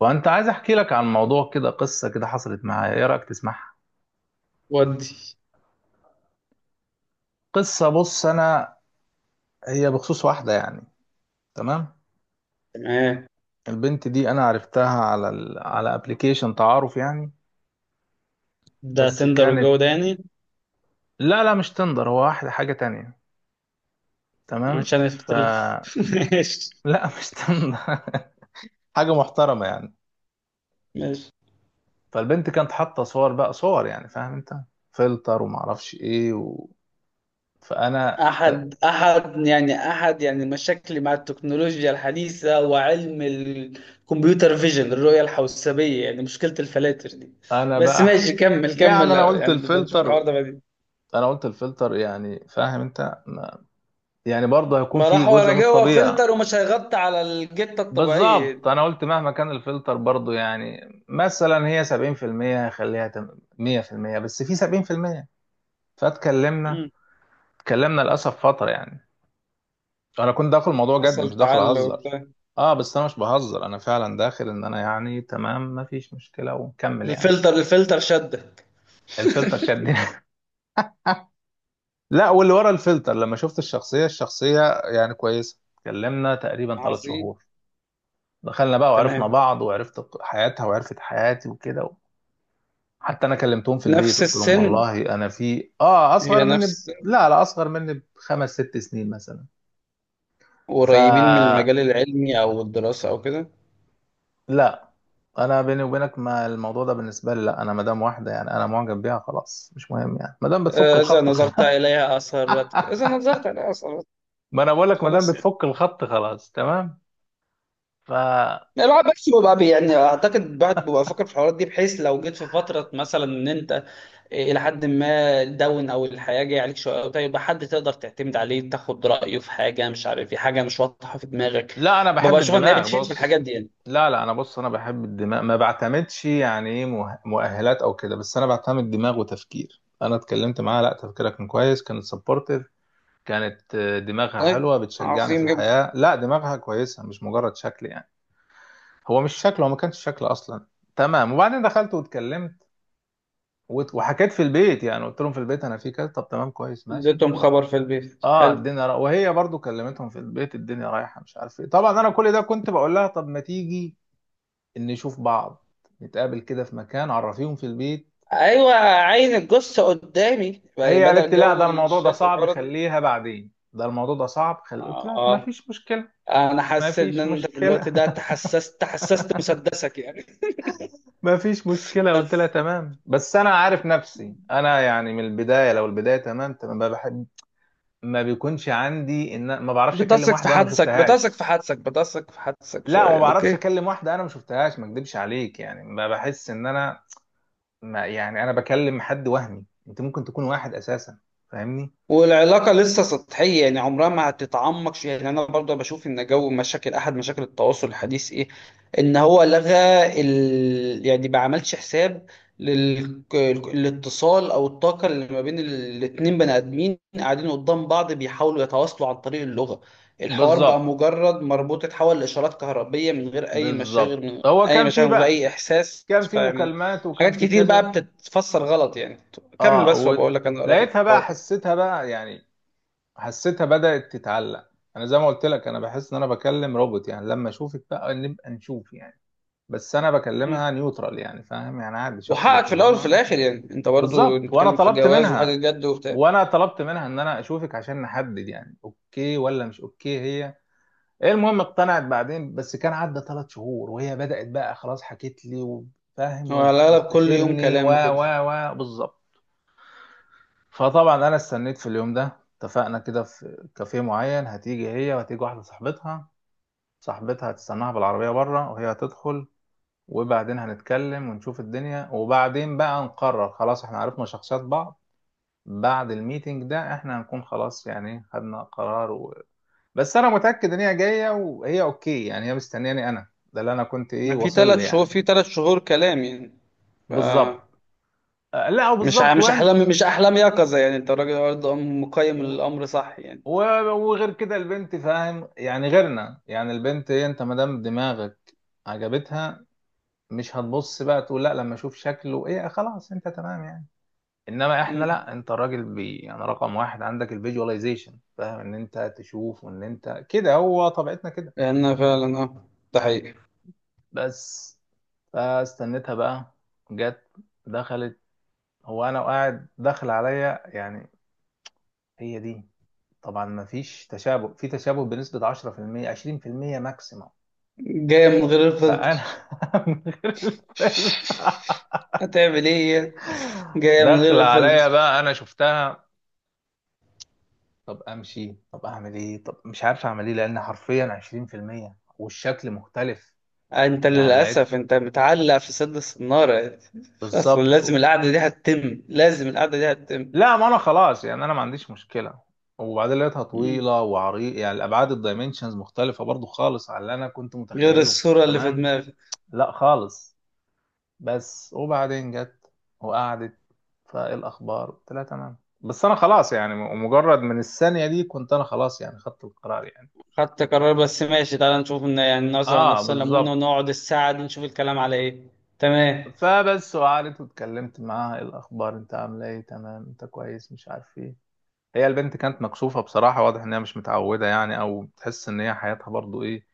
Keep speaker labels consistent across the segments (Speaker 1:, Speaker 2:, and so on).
Speaker 1: وانت عايز احكي لك عن موضوع كده، قصه كده حصلت معايا. ايه رايك تسمعها؟
Speaker 2: ودي،
Speaker 1: قصه. بص، انا هي بخصوص واحده يعني. تمام.
Speaker 2: تمام.
Speaker 1: البنت دي انا عرفتها على ابلكيشن تعارف يعني.
Speaker 2: ده
Speaker 1: بس
Speaker 2: تندر
Speaker 1: كانت.
Speaker 2: والجو ده يعني،
Speaker 1: لا لا، مش تندر، هو واحده حاجه تانية.
Speaker 2: مش
Speaker 1: تمام.
Speaker 2: هنختلف ماشي،
Speaker 1: لا مش تندر. حاجه محترمه يعني.
Speaker 2: ماشي.
Speaker 1: فالبنت كانت حاطه صور بقى، صور يعني، فاهم انت؟ فلتر وما اعرفش ايه فانا ت-
Speaker 2: أحد مشاكلي مع التكنولوجيا الحديثة وعلم الكمبيوتر فيجن، الرؤية الحوسبية، يعني مشكلة الفلاتر دي.
Speaker 1: انا
Speaker 2: بس
Speaker 1: بقى ح-
Speaker 2: ماشي، كمل
Speaker 1: يعني
Speaker 2: كمل
Speaker 1: انا قلت
Speaker 2: يعني نبقى نشوف
Speaker 1: الفلتر.
Speaker 2: الحوار ده بعدين.
Speaker 1: انا قلت الفلتر، يعني فاهم انت يعني برضه هيكون
Speaker 2: ما
Speaker 1: في
Speaker 2: راح ورا
Speaker 1: جزء من
Speaker 2: جوه
Speaker 1: الطبيعة.
Speaker 2: فلتر ومش هيغطي على الجتة
Speaker 1: بالظبط،
Speaker 2: الطبيعية.
Speaker 1: انا قلت مهما كان الفلتر برضه يعني، مثلا هي 70% 100%، بس في 70%. فاتكلمنا،
Speaker 2: مم.
Speaker 1: اتكلمنا للاسف فترة يعني. انا كنت داخل الموضوع جد،
Speaker 2: حصل
Speaker 1: مش داخل
Speaker 2: تعلق
Speaker 1: اهزر.
Speaker 2: وبتاع.
Speaker 1: اه بس انا مش بهزر، انا فعلا داخل ان انا يعني تمام، مفيش مشكلة ونكمل يعني.
Speaker 2: الفلتر شدك.
Speaker 1: الفلتر شدني لا، واللي ورا الفلتر لما شفت الشخصية، الشخصية يعني كويسة. اتكلمنا تقريبا ثلاث
Speaker 2: عظيم.
Speaker 1: شهور. دخلنا بقى وعرفنا
Speaker 2: تمام.
Speaker 1: بعض، وعرفت حياتها وعرفت حياتي وكده. حتى انا كلمتهم في البيت،
Speaker 2: نفس
Speaker 1: قلت لهم
Speaker 2: السن؟
Speaker 1: والله انا في اه اصغر
Speaker 2: هي
Speaker 1: مني
Speaker 2: نفس
Speaker 1: لا لا، اصغر مني بخمس ست سنين مثلا. ف
Speaker 2: قريبين من المجال العلمي أو الدراسة أو كده؟
Speaker 1: لا، انا بيني وبينك، ما الموضوع ده بالنسبه لي، لا انا مدام واحده يعني انا معجب بيها خلاص، مش مهم يعني، مادام بتفك
Speaker 2: آه، إذا
Speaker 1: الخط
Speaker 2: نظرت
Speaker 1: خلاص.
Speaker 2: إليها أثرتك،
Speaker 1: ما انا بقول لك مادام
Speaker 2: خلاص يعني.
Speaker 1: بتفك الخط خلاص، تمام. ف
Speaker 2: يعني الواحد بس بيبقى يعني أعتقد الواحد بيبقى فاكر في الحوارات دي، بحيث لو جيت في فترة مثلا إن أنت إلى حد ما داون أو الحياة جاية عليك شوية أو كده، يبقى حد تقدر تعتمد عليه تاخد رأيه في حاجة مش عارف، في حاجة مش واضحة في دماغك.
Speaker 1: لا، انا
Speaker 2: ببقى
Speaker 1: بحب
Speaker 2: أشوف إن هي
Speaker 1: الدماغ.
Speaker 2: بتفيد في الحاجات
Speaker 1: بص،
Speaker 2: دي يعني.
Speaker 1: لا لا، انا بص، انا بحب الدماغ، ما بعتمدش يعني ايه مؤهلات او كده، بس انا بعتمد دماغ وتفكير. انا اتكلمت معاها، لا تفكيرها كان كويس، كانت سبورتيف. كانت آه، دماغها
Speaker 2: طيب،
Speaker 1: حلوة، بتشجعني في
Speaker 2: عظيم جدا.
Speaker 1: الحياة، لا دماغها كويسة، مش مجرد شكل يعني. هو مش شكل، هو ما كانش شكل اصلا. تمام، وبعدين دخلت واتكلمت وحكيت في البيت، يعني قلت لهم في البيت انا في كذا. طب تمام كويس ماشي.
Speaker 2: اديتهم خبر في البيت،
Speaker 1: اه
Speaker 2: حلو.
Speaker 1: الدنيا وهي برضو كلمتهم في البيت، الدنيا رايحه مش عارف ايه. طبعا انا كل ده كنت بقول لها طب ما تيجي نشوف بعض، نتقابل كده في مكان، عرفيهم في البيت.
Speaker 2: ايوه، عين الجثه قدامي
Speaker 1: هي قالت
Speaker 2: بدل
Speaker 1: لي لا،
Speaker 2: جو
Speaker 1: ده الموضوع ده
Speaker 2: الشكل
Speaker 1: صعب،
Speaker 2: الارضي.
Speaker 1: خليها بعدين، ده الموضوع ده صعب قلت
Speaker 2: اه،
Speaker 1: لها ما
Speaker 2: آه.
Speaker 1: فيش مشكلة.
Speaker 2: انا
Speaker 1: ما
Speaker 2: حسيت ان
Speaker 1: فيش
Speaker 2: انت في الوقت
Speaker 1: مشكلة
Speaker 2: ده تحسست مسدسك يعني.
Speaker 1: ما فيش مشكلة. قلت لها
Speaker 2: بس
Speaker 1: تمام، بس أنا عارف نفسي أنا يعني من البداية، لو البداية تمام تمام، ما بحب، ما بيكونش عندي إن ما بعرفش أكلم
Speaker 2: بتثق في
Speaker 1: واحدة أنا ما
Speaker 2: حدسك بتثق
Speaker 1: شفتهاش.
Speaker 2: في حدسك بتثق في حدسك
Speaker 1: لا ما
Speaker 2: شويه،
Speaker 1: بعرفش
Speaker 2: اوكي.
Speaker 1: أكلم واحدة أنا ما شفتهاش، ما أكدبش عليك يعني، ما بحس إن أنا، ما يعني أنا بكلم حد وهمي، أنت ممكن تكون واحد أساسا، فاهمني؟
Speaker 2: والعلاقة لسه سطحية يعني عمرها ما هتتعمق يعني، أنا برضه بشوف إن جو مشاكل أحد مشاكل التواصل الحديث إيه. إن هو لغى يعني ما عملش حساب لل... الاتصال أو الطاقة اللي ما بين الاتنين بني آدمين قاعدين قدام بعض بيحاولوا يتواصلوا عن طريق اللغة. الحوار بقى
Speaker 1: بالظبط،
Speaker 2: مجرد مربوط، اتحول لإشارات كهربية من غير أي مشاغل،
Speaker 1: بالظبط. هو كان في
Speaker 2: من غير
Speaker 1: بقى،
Speaker 2: أي إحساس،
Speaker 1: كان في
Speaker 2: فيعني
Speaker 1: مكالمات وكان
Speaker 2: حاجات
Speaker 1: في
Speaker 2: كتير بقى
Speaker 1: كذا.
Speaker 2: بتتفسر غلط يعني. كمل
Speaker 1: اه
Speaker 2: بس، وبقول لك أنا رأيي في
Speaker 1: ولقيتها بقى،
Speaker 2: الحوار
Speaker 1: حسيتها بقى يعني، حسيتها بدأت تتعلق. انا زي ما قلت لك انا بحس ان انا بكلم روبوت، يعني لما اشوفك بقى نبقى نشوف يعني. بس انا
Speaker 2: ده.
Speaker 1: بكلمها نيوترال يعني، فاهم؟ يعني عادي شخص
Speaker 2: وحقك في الاول
Speaker 1: بكلمه
Speaker 2: وفي
Speaker 1: وأعمل كده.
Speaker 2: الاخر، يعني انت برضو
Speaker 1: بالظبط، وانا
Speaker 2: بتتكلم في
Speaker 1: طلبت
Speaker 2: جواز وحاجه
Speaker 1: منها،
Speaker 2: جد وبتاع.
Speaker 1: وانا طلبت منها ان انا اشوفك عشان نحدد يعني اوكي ولا مش اوكي. هي إيه، المهم اقتنعت بعدين، بس كان عدى ثلاث شهور وهي بدأت بقى خلاص حكيت لي وفاهم
Speaker 2: هو على الاغلب كل يوم
Speaker 1: وبتستشيرني و
Speaker 2: كلام
Speaker 1: و
Speaker 2: وكده
Speaker 1: و بالظبط. فطبعا انا استنيت في اليوم ده، اتفقنا كده في كافيه معين، هتيجي هي وهتيجي واحدة صاحبتها. صاحبتها هتستناها بالعربية بره، وهي هتدخل، وبعدين هنتكلم ونشوف الدنيا، وبعدين بقى نقرر خلاص احنا عرفنا شخصيات بعض. بعد الميتنج ده احنا هنكون خلاص يعني خدنا قرار. بس انا متاكد ان هي جايه وهي اوكي يعني، هي مستنياني انا، ده اللي انا كنت ايه
Speaker 2: يعني، في
Speaker 1: واصل
Speaker 2: ثلاث
Speaker 1: لي
Speaker 2: شهور
Speaker 1: يعني.
Speaker 2: في ثلاث شهور كلام يعني. ف
Speaker 1: بالظبط، آه، لا وبالظبط
Speaker 2: مش
Speaker 1: وين.
Speaker 2: احلام مش احلام يقظه يعني، انت راجل برضه مقيم
Speaker 1: و-
Speaker 2: الامر صح يعني.
Speaker 1: و- وغير كده البنت فاهم يعني، غيرنا يعني، البنت ايه، انت ما دام دماغك عجبتها، مش هتبص بقى تقول لا لما اشوف شكله ايه، خلاص انت تمام يعني. انما احنا
Speaker 2: امم
Speaker 1: لا، انت الراجل بي يعني رقم واحد عندك الفيجواليزيشن، فاهم، ان انت تشوف وان انت كده، هو طبيعتنا كده.
Speaker 2: لان فعلا، اه، ده حقيقي.
Speaker 1: بس، فاستنيتها بقى، جت، دخلت، هو انا وقاعد داخل عليا يعني، هي دي؟ طبعا ما فيش تشابه، في تشابه بنسبة 10%، 20% ماكسيموم.
Speaker 2: جايه من غير
Speaker 1: فانا
Speaker 2: الفلتر.
Speaker 1: من غير الفيلم.
Speaker 2: هتعمل ايه يعني؟ جايه من
Speaker 1: داخل
Speaker 2: غير
Speaker 1: عليا
Speaker 2: الفلتر.
Speaker 1: بقى انا شفتها، طب امشي، طب اعمل ايه، طب مش عارف اعمل ايه، لان حرفيا 20% والشكل مختلف.
Speaker 2: انت
Speaker 1: يعني لقيت
Speaker 2: للاسف انت متعلق في سد الصناره يعني. اصلا
Speaker 1: بالظبط
Speaker 2: لازم القعده دي هتتم لازم القعده دي هتتم
Speaker 1: لا ما انا خلاص يعني انا ما عنديش مشكلة. وبعدين لقيتها
Speaker 2: مم.
Speaker 1: طويلة وعريض يعني، الابعاد الدايمنشنز مختلفة برضو خالص على اللي انا كنت
Speaker 2: غير
Speaker 1: متخيله
Speaker 2: الصورة اللي في
Speaker 1: تمام.
Speaker 2: دماغي.
Speaker 1: لا خالص. بس وبعدين جت، وقعدت، فايه الاخبار، قلت لها تمام، بس انا خلاص يعني مجرد من الثانيه دي كنت انا خلاص يعني خدت القرار يعني.
Speaker 2: خدت قرار، بس ماشي تعالى نشوف، ان يعني نظرة على
Speaker 1: اه
Speaker 2: نفسنا ليمونة،
Speaker 1: بالظبط.
Speaker 2: ونقعد الساعة دي نشوف الكلام على ايه. تمام.
Speaker 1: فبس، وقعدت واتكلمت معاها، ايه الاخبار، انت عامله ايه، تمام انت كويس، مش عارف ايه. هي البنت كانت مكسوفه بصراحه، واضح ان هي مش متعوده يعني، او بتحس ان هي حياتها برضو ايه،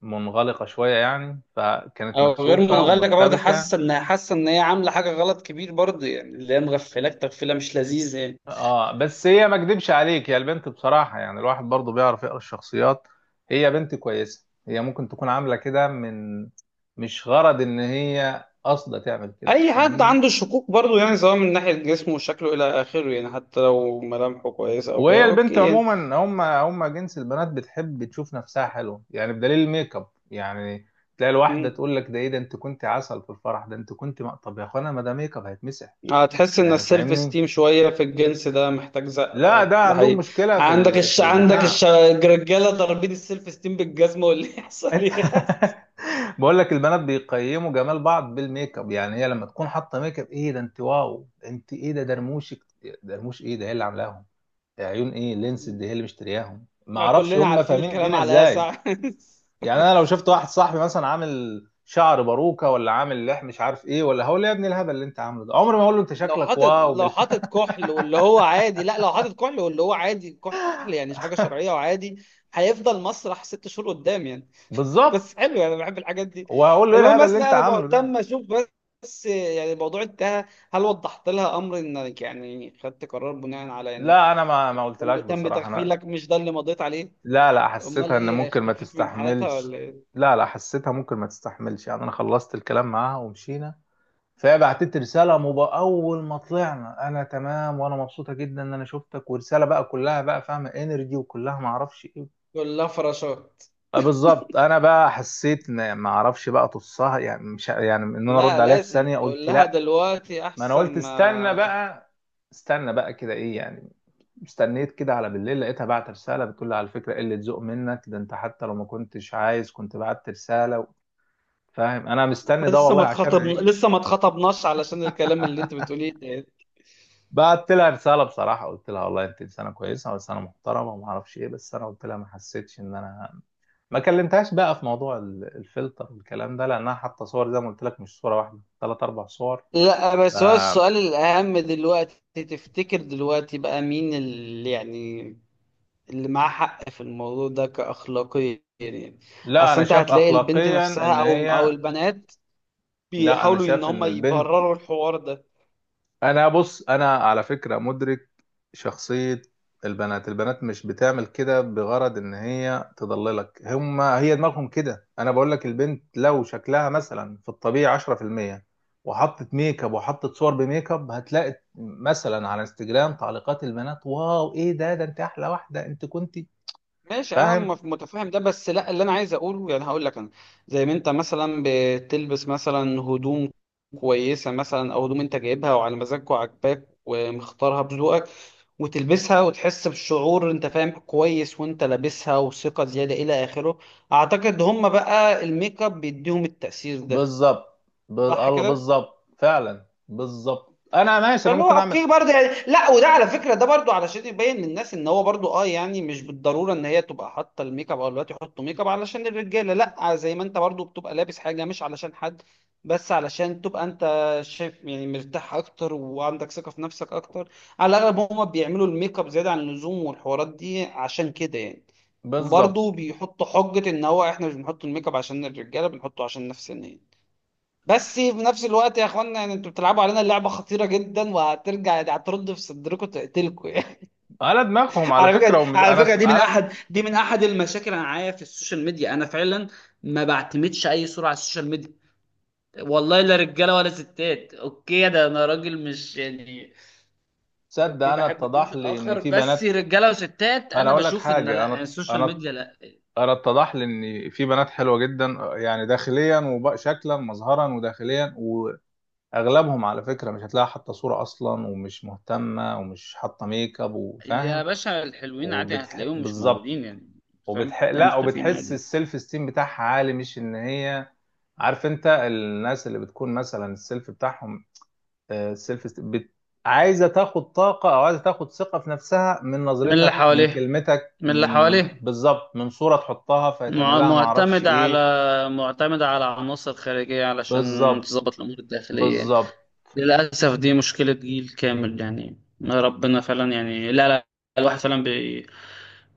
Speaker 1: منغلقه شويه يعني، فكانت
Speaker 2: او غير
Speaker 1: مكسوفه
Speaker 2: منغلقة برضه،
Speaker 1: ومرتبكه.
Speaker 2: حاسة ان هي عاملة حاجة غلط كبير برضه يعني، اللي هي مغفلاك تغفلة مش لذيذة يعني.
Speaker 1: اه بس هي ما اكدبش عليك، هي البنت بصراحة يعني، الواحد برضو بيعرف يقرا الشخصيات. هي بنت كويسة، هي ممكن تكون عاملة كده من، مش غرض ان هي قاصدة تعمل كده،
Speaker 2: اي حد
Speaker 1: فاهمني؟
Speaker 2: عنده شكوك برضه يعني، سواء من ناحية جسمه وشكله الى اخره يعني، حتى لو ملامحه كويسة او كده،
Speaker 1: وهي البنت
Speaker 2: اوكي يعني.
Speaker 1: عموما، هم جنس البنات بتحب تشوف نفسها حلوة يعني، بدليل الميك اب يعني. تلاقي الواحدة
Speaker 2: مم.
Speaker 1: تقول لك ده ايه ده، انت كنت عسل في الفرح ده، انت كنت طب يا اخوانا ما ده ميك اب هيتمسح،
Speaker 2: هتحس ان
Speaker 1: يعني
Speaker 2: السيلف
Speaker 1: فاهمني؟
Speaker 2: esteem شويه في الجنس ده محتاج زق،
Speaker 1: لا ده
Speaker 2: اه ده
Speaker 1: عندهم
Speaker 2: حقيقي.
Speaker 1: مشكلة في في البتاع.
Speaker 2: الرجاله ضاربين السيلف esteem بالجزمه، واللي يحصل
Speaker 1: انت
Speaker 2: يحصل.
Speaker 1: بقول لك البنات بيقيموا جمال بعض بالميك اب يعني، هي لما تكون حاطه ميك اب، ايه ده انت واو، انت ايه ده درموشك، درموش ايه ده، هي اللي عاملاهم، يا عيون ايه لينس دي، هي اللي مشترياهم، ما
Speaker 2: آه،
Speaker 1: اعرفش
Speaker 2: كلنا
Speaker 1: هم
Speaker 2: عارفين
Speaker 1: فاهمين
Speaker 2: الكلام
Speaker 1: الدنيا
Speaker 2: على ايه
Speaker 1: ازاي.
Speaker 2: ساعة
Speaker 1: يعني انا لو شفت واحد صاحبي مثلا عامل شعر باروكه، ولا عامل لح مش عارف ايه، ولا هقول له يا ابني الهبل اللي انت عامله ده، عمري ما هقول له انت
Speaker 2: لو
Speaker 1: شكلك
Speaker 2: حاطط
Speaker 1: واو
Speaker 2: لو حاطط كحل واللي هو عادي، لا لو حاطط كحل واللي هو عادي، كحل يعني، مش حاجه شرعيه وعادي. هيفضل مسرح 6 شهور قدام يعني.
Speaker 1: بالظبط،
Speaker 2: بس حلو، انا بحب الحاجات دي.
Speaker 1: وهقول له ايه
Speaker 2: المهم
Speaker 1: الهبل
Speaker 2: بس،
Speaker 1: اللي
Speaker 2: لا
Speaker 1: انت
Speaker 2: انا
Speaker 1: عامله ده.
Speaker 2: بهتم اشوف. بس يعني الموضوع انتهى. هل وضحت لها امر انك يعني خدت قرار، بناء على يعني
Speaker 1: لا انا ما
Speaker 2: تم
Speaker 1: قلتلهاش
Speaker 2: تم
Speaker 1: بصراحه انا.
Speaker 2: تغفيلك، مش ده اللي مضيت عليه؟
Speaker 1: لا لا،
Speaker 2: امال
Speaker 1: حسيتها ان
Speaker 2: ايه،
Speaker 1: ممكن ما
Speaker 2: اختفيت من حياتها
Speaker 1: تستحملش.
Speaker 2: ولا ايه؟
Speaker 1: لا لا، حسيتها ممكن ما تستحملش يعني. انا خلصت الكلام معاها ومشينا. فهي بعتت لي رساله اول ما طلعنا، انا تمام وانا مبسوطه جدا ان انا شفتك، ورساله بقى كلها بقى فاهمه انرجي وكلها ما اعرفش ايه.
Speaker 2: تقول لها فراشات.
Speaker 1: آه، بالظبط. انا بقى حسيت ان ما اعرفش بقى تصها يعني، مش يعني ان انا ارد
Speaker 2: لا،
Speaker 1: عليها في
Speaker 2: لازم
Speaker 1: ثانيه،
Speaker 2: تقول
Speaker 1: قلت
Speaker 2: لها
Speaker 1: لا،
Speaker 2: دلوقتي
Speaker 1: ما انا
Speaker 2: احسن،
Speaker 1: قلت
Speaker 2: ما
Speaker 1: استنى بقى، استنى بقى كده ايه يعني. استنيت كده على بالليل، لقيتها بعت رسالة بتقول لي على فكرة قلة ذوق منك، ده انت حتى لو ما كنتش عايز كنت بعت رسالة. فاهم انا مستني
Speaker 2: إحنا
Speaker 1: ده والله عشان هي.
Speaker 2: لسه ما اتخطبناش علشان الكلام اللي انت بتقوليه ده.
Speaker 1: بعت لها رسالة بصراحة، قلت لها والله انت انسانة كويسة وانسانة محترمة وما اعرفش ايه، بس انا قلت لها ما حسيتش ان انا. ما كلمتهاش بقى في موضوع الفلتر والكلام ده، لانها حاطة صور زي ما قلت لك، مش صورة واحدة، ثلاث اربع صور.
Speaker 2: لا،
Speaker 1: ف-
Speaker 2: بس هو السؤال الأهم دلوقتي، تفتكر دلوقتي بقى مين اللي يعني اللي معاه حق في الموضوع ده كأخلاقيا يعني؟
Speaker 1: لا
Speaker 2: اصل
Speaker 1: انا
Speaker 2: انت
Speaker 1: شايف
Speaker 2: هتلاقي البنت
Speaker 1: اخلاقيا
Speaker 2: نفسها
Speaker 1: ان
Speaker 2: او
Speaker 1: هي.
Speaker 2: البنات
Speaker 1: لا انا
Speaker 2: بيحاولوا ان
Speaker 1: شايف
Speaker 2: هم
Speaker 1: ان البنت،
Speaker 2: يبرروا الحوار ده.
Speaker 1: انا بص انا على فكرة مدرك شخصية البنات. البنات مش بتعمل كده بغرض ان هي تضللك، هم هي دماغهم كده. انا بقول لك البنت لو شكلها مثلا في الطبيعي 10%، وحطت ميك اب، وحطت صور بميك اب، هتلاقي مثلا على انستجرام تعليقات البنات، واو ايه ده، ده انت احلى واحدة، انت كنتي
Speaker 2: ماشي، انا
Speaker 1: فاهم.
Speaker 2: متفهم ده، بس لا اللي انا عايز اقوله يعني، هقول لك انا. زي ما انت مثلا بتلبس مثلا هدوم كويسه مثلا، او هدوم انت جايبها وعلى مزاجك وعاجباك ومختارها بذوقك، وتلبسها وتحس بالشعور، انت فاهم كويس وانت لابسها وثقه زياده الى اخره، اعتقد هم بقى الميك اب بيديهم التأثير ده.
Speaker 1: بالظبط
Speaker 2: صح
Speaker 1: الله،
Speaker 2: كده.
Speaker 1: بالظبط فعلا بالظبط، انا ماشي، انا
Speaker 2: فاللي هو
Speaker 1: ممكن اعمل
Speaker 2: اوكي برضه يعني، لا وده على فكره ده برضه علشان يبين للناس ان هو برضه، اه يعني مش بالضروره ان هي تبقى حاطه الميك اب، او الوقت يحطوا ميك اب علشان الرجاله، لا، زي ما انت برضه بتبقى لابس حاجه مش علشان حد، بس علشان تبقى انت شايف يعني مرتاح اكتر وعندك ثقه في نفسك اكتر. على الاغلب هما بيعملوا الميك اب زياده عن اللزوم والحوارات دي عشان كده يعني.
Speaker 1: بالظبط
Speaker 2: وبرضه بيحطوا حجه ان هو احنا مش بنحط الميك اب عشان الرجاله، بنحطه عشان نفسنا يعني. بس في نفس الوقت يا اخوانا يعني، انتوا بتلعبوا علينا لعبه خطيره جدا، وهترجع يعني هترد في صدركم تقتلكم يعني.
Speaker 1: على دماغهم. على
Speaker 2: على فكره
Speaker 1: فكرة
Speaker 2: دي
Speaker 1: ومش
Speaker 2: على
Speaker 1: انا
Speaker 2: فكره دي
Speaker 1: على.
Speaker 2: من احد المشاكل انا معايا في السوشيال ميديا، انا فعلا ما بعتمدش اي صوره على السوشيال ميديا، والله، لا رجاله ولا ستات، اوكي ده انا راجل، مش يعني
Speaker 1: تصدق
Speaker 2: اوكي
Speaker 1: انا
Speaker 2: بحب الجنس
Speaker 1: اتضح لي ان
Speaker 2: الاخر،
Speaker 1: في
Speaker 2: بس
Speaker 1: بنات،
Speaker 2: رجاله وستات
Speaker 1: انا
Speaker 2: انا
Speaker 1: اقول لك
Speaker 2: بشوف ان لا،
Speaker 1: حاجه
Speaker 2: يعني
Speaker 1: انا،
Speaker 2: السوشيال
Speaker 1: انا
Speaker 2: ميديا لا.
Speaker 1: انا اتضح لي ان في بنات حلوه جدا، يعني داخليا وشكلا مظهرا وداخليا. واغلبهم على فكره مش هتلاقي حاطه صوره اصلا، ومش مهتمه، ومش حاطه ميك اب،
Speaker 2: يا
Speaker 1: وفاهم.
Speaker 2: باشا، الحلوين عادي هتلاقيهم مش
Speaker 1: بالظبط.
Speaker 2: موجودين يعني. فاهم؟
Speaker 1: لا،
Speaker 2: مختفيين
Speaker 1: وبتحس
Speaker 2: عادي.
Speaker 1: السيلف استيم بتاعها عالي، مش ان هي. عارف انت الناس اللي بتكون مثلا السيلف بتاعهم، سيلف بت... عايزه تاخد طاقه، او عايزه تاخد ثقه في نفسها، من
Speaker 2: من اللي
Speaker 1: نظرتك، من
Speaker 2: حواليه
Speaker 1: كلمتك،
Speaker 2: من اللي
Speaker 1: من
Speaker 2: حواليه
Speaker 1: بالظبط، من صوره تحطها فيتعمل لها ما اعرفش
Speaker 2: معتمدة
Speaker 1: ايه.
Speaker 2: على معتمدة على عناصر خارجية علشان
Speaker 1: بالظبط،
Speaker 2: تظبط الأمور الداخلية يعني.
Speaker 1: بالظبط.
Speaker 2: للأسف دي مشكلة جيل كامل يعني. ربنا فعلا يعني، لا لا، الواحد فعلا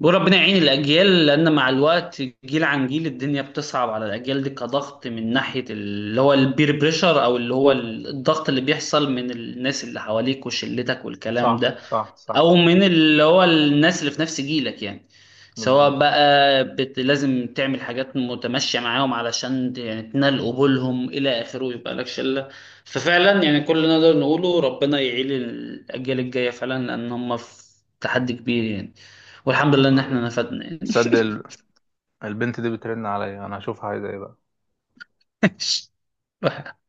Speaker 2: بيقول ربنا يعين الأجيال، لأن مع الوقت جيل عن جيل الدنيا بتصعب على الأجيال دي، كضغط من ناحية اللي هو البير بريشر، أو اللي هو الضغط اللي بيحصل من الناس اللي حواليك وشلتك والكلام
Speaker 1: صح
Speaker 2: ده،
Speaker 1: صح صح.
Speaker 2: او من اللي هو الناس اللي في نفس جيلك يعني، سواء
Speaker 1: بالظبط.
Speaker 2: بقى لازم تعمل حاجات متمشية معاهم علشان يعني تنال قبولهم إلى آخره، ويبقى لك شلة. ففعلا يعني كل اللي نقدر نقوله ربنا يعيل الأجيال الجاية فعلا، لأن هم في تحدي كبير يعني. والحمد لله إن إحنا
Speaker 1: طيب.
Speaker 2: نفدنا يعني.
Speaker 1: صدق ال- البنت دي بترن عليا، انا هشوفها عايزه ايه بقى.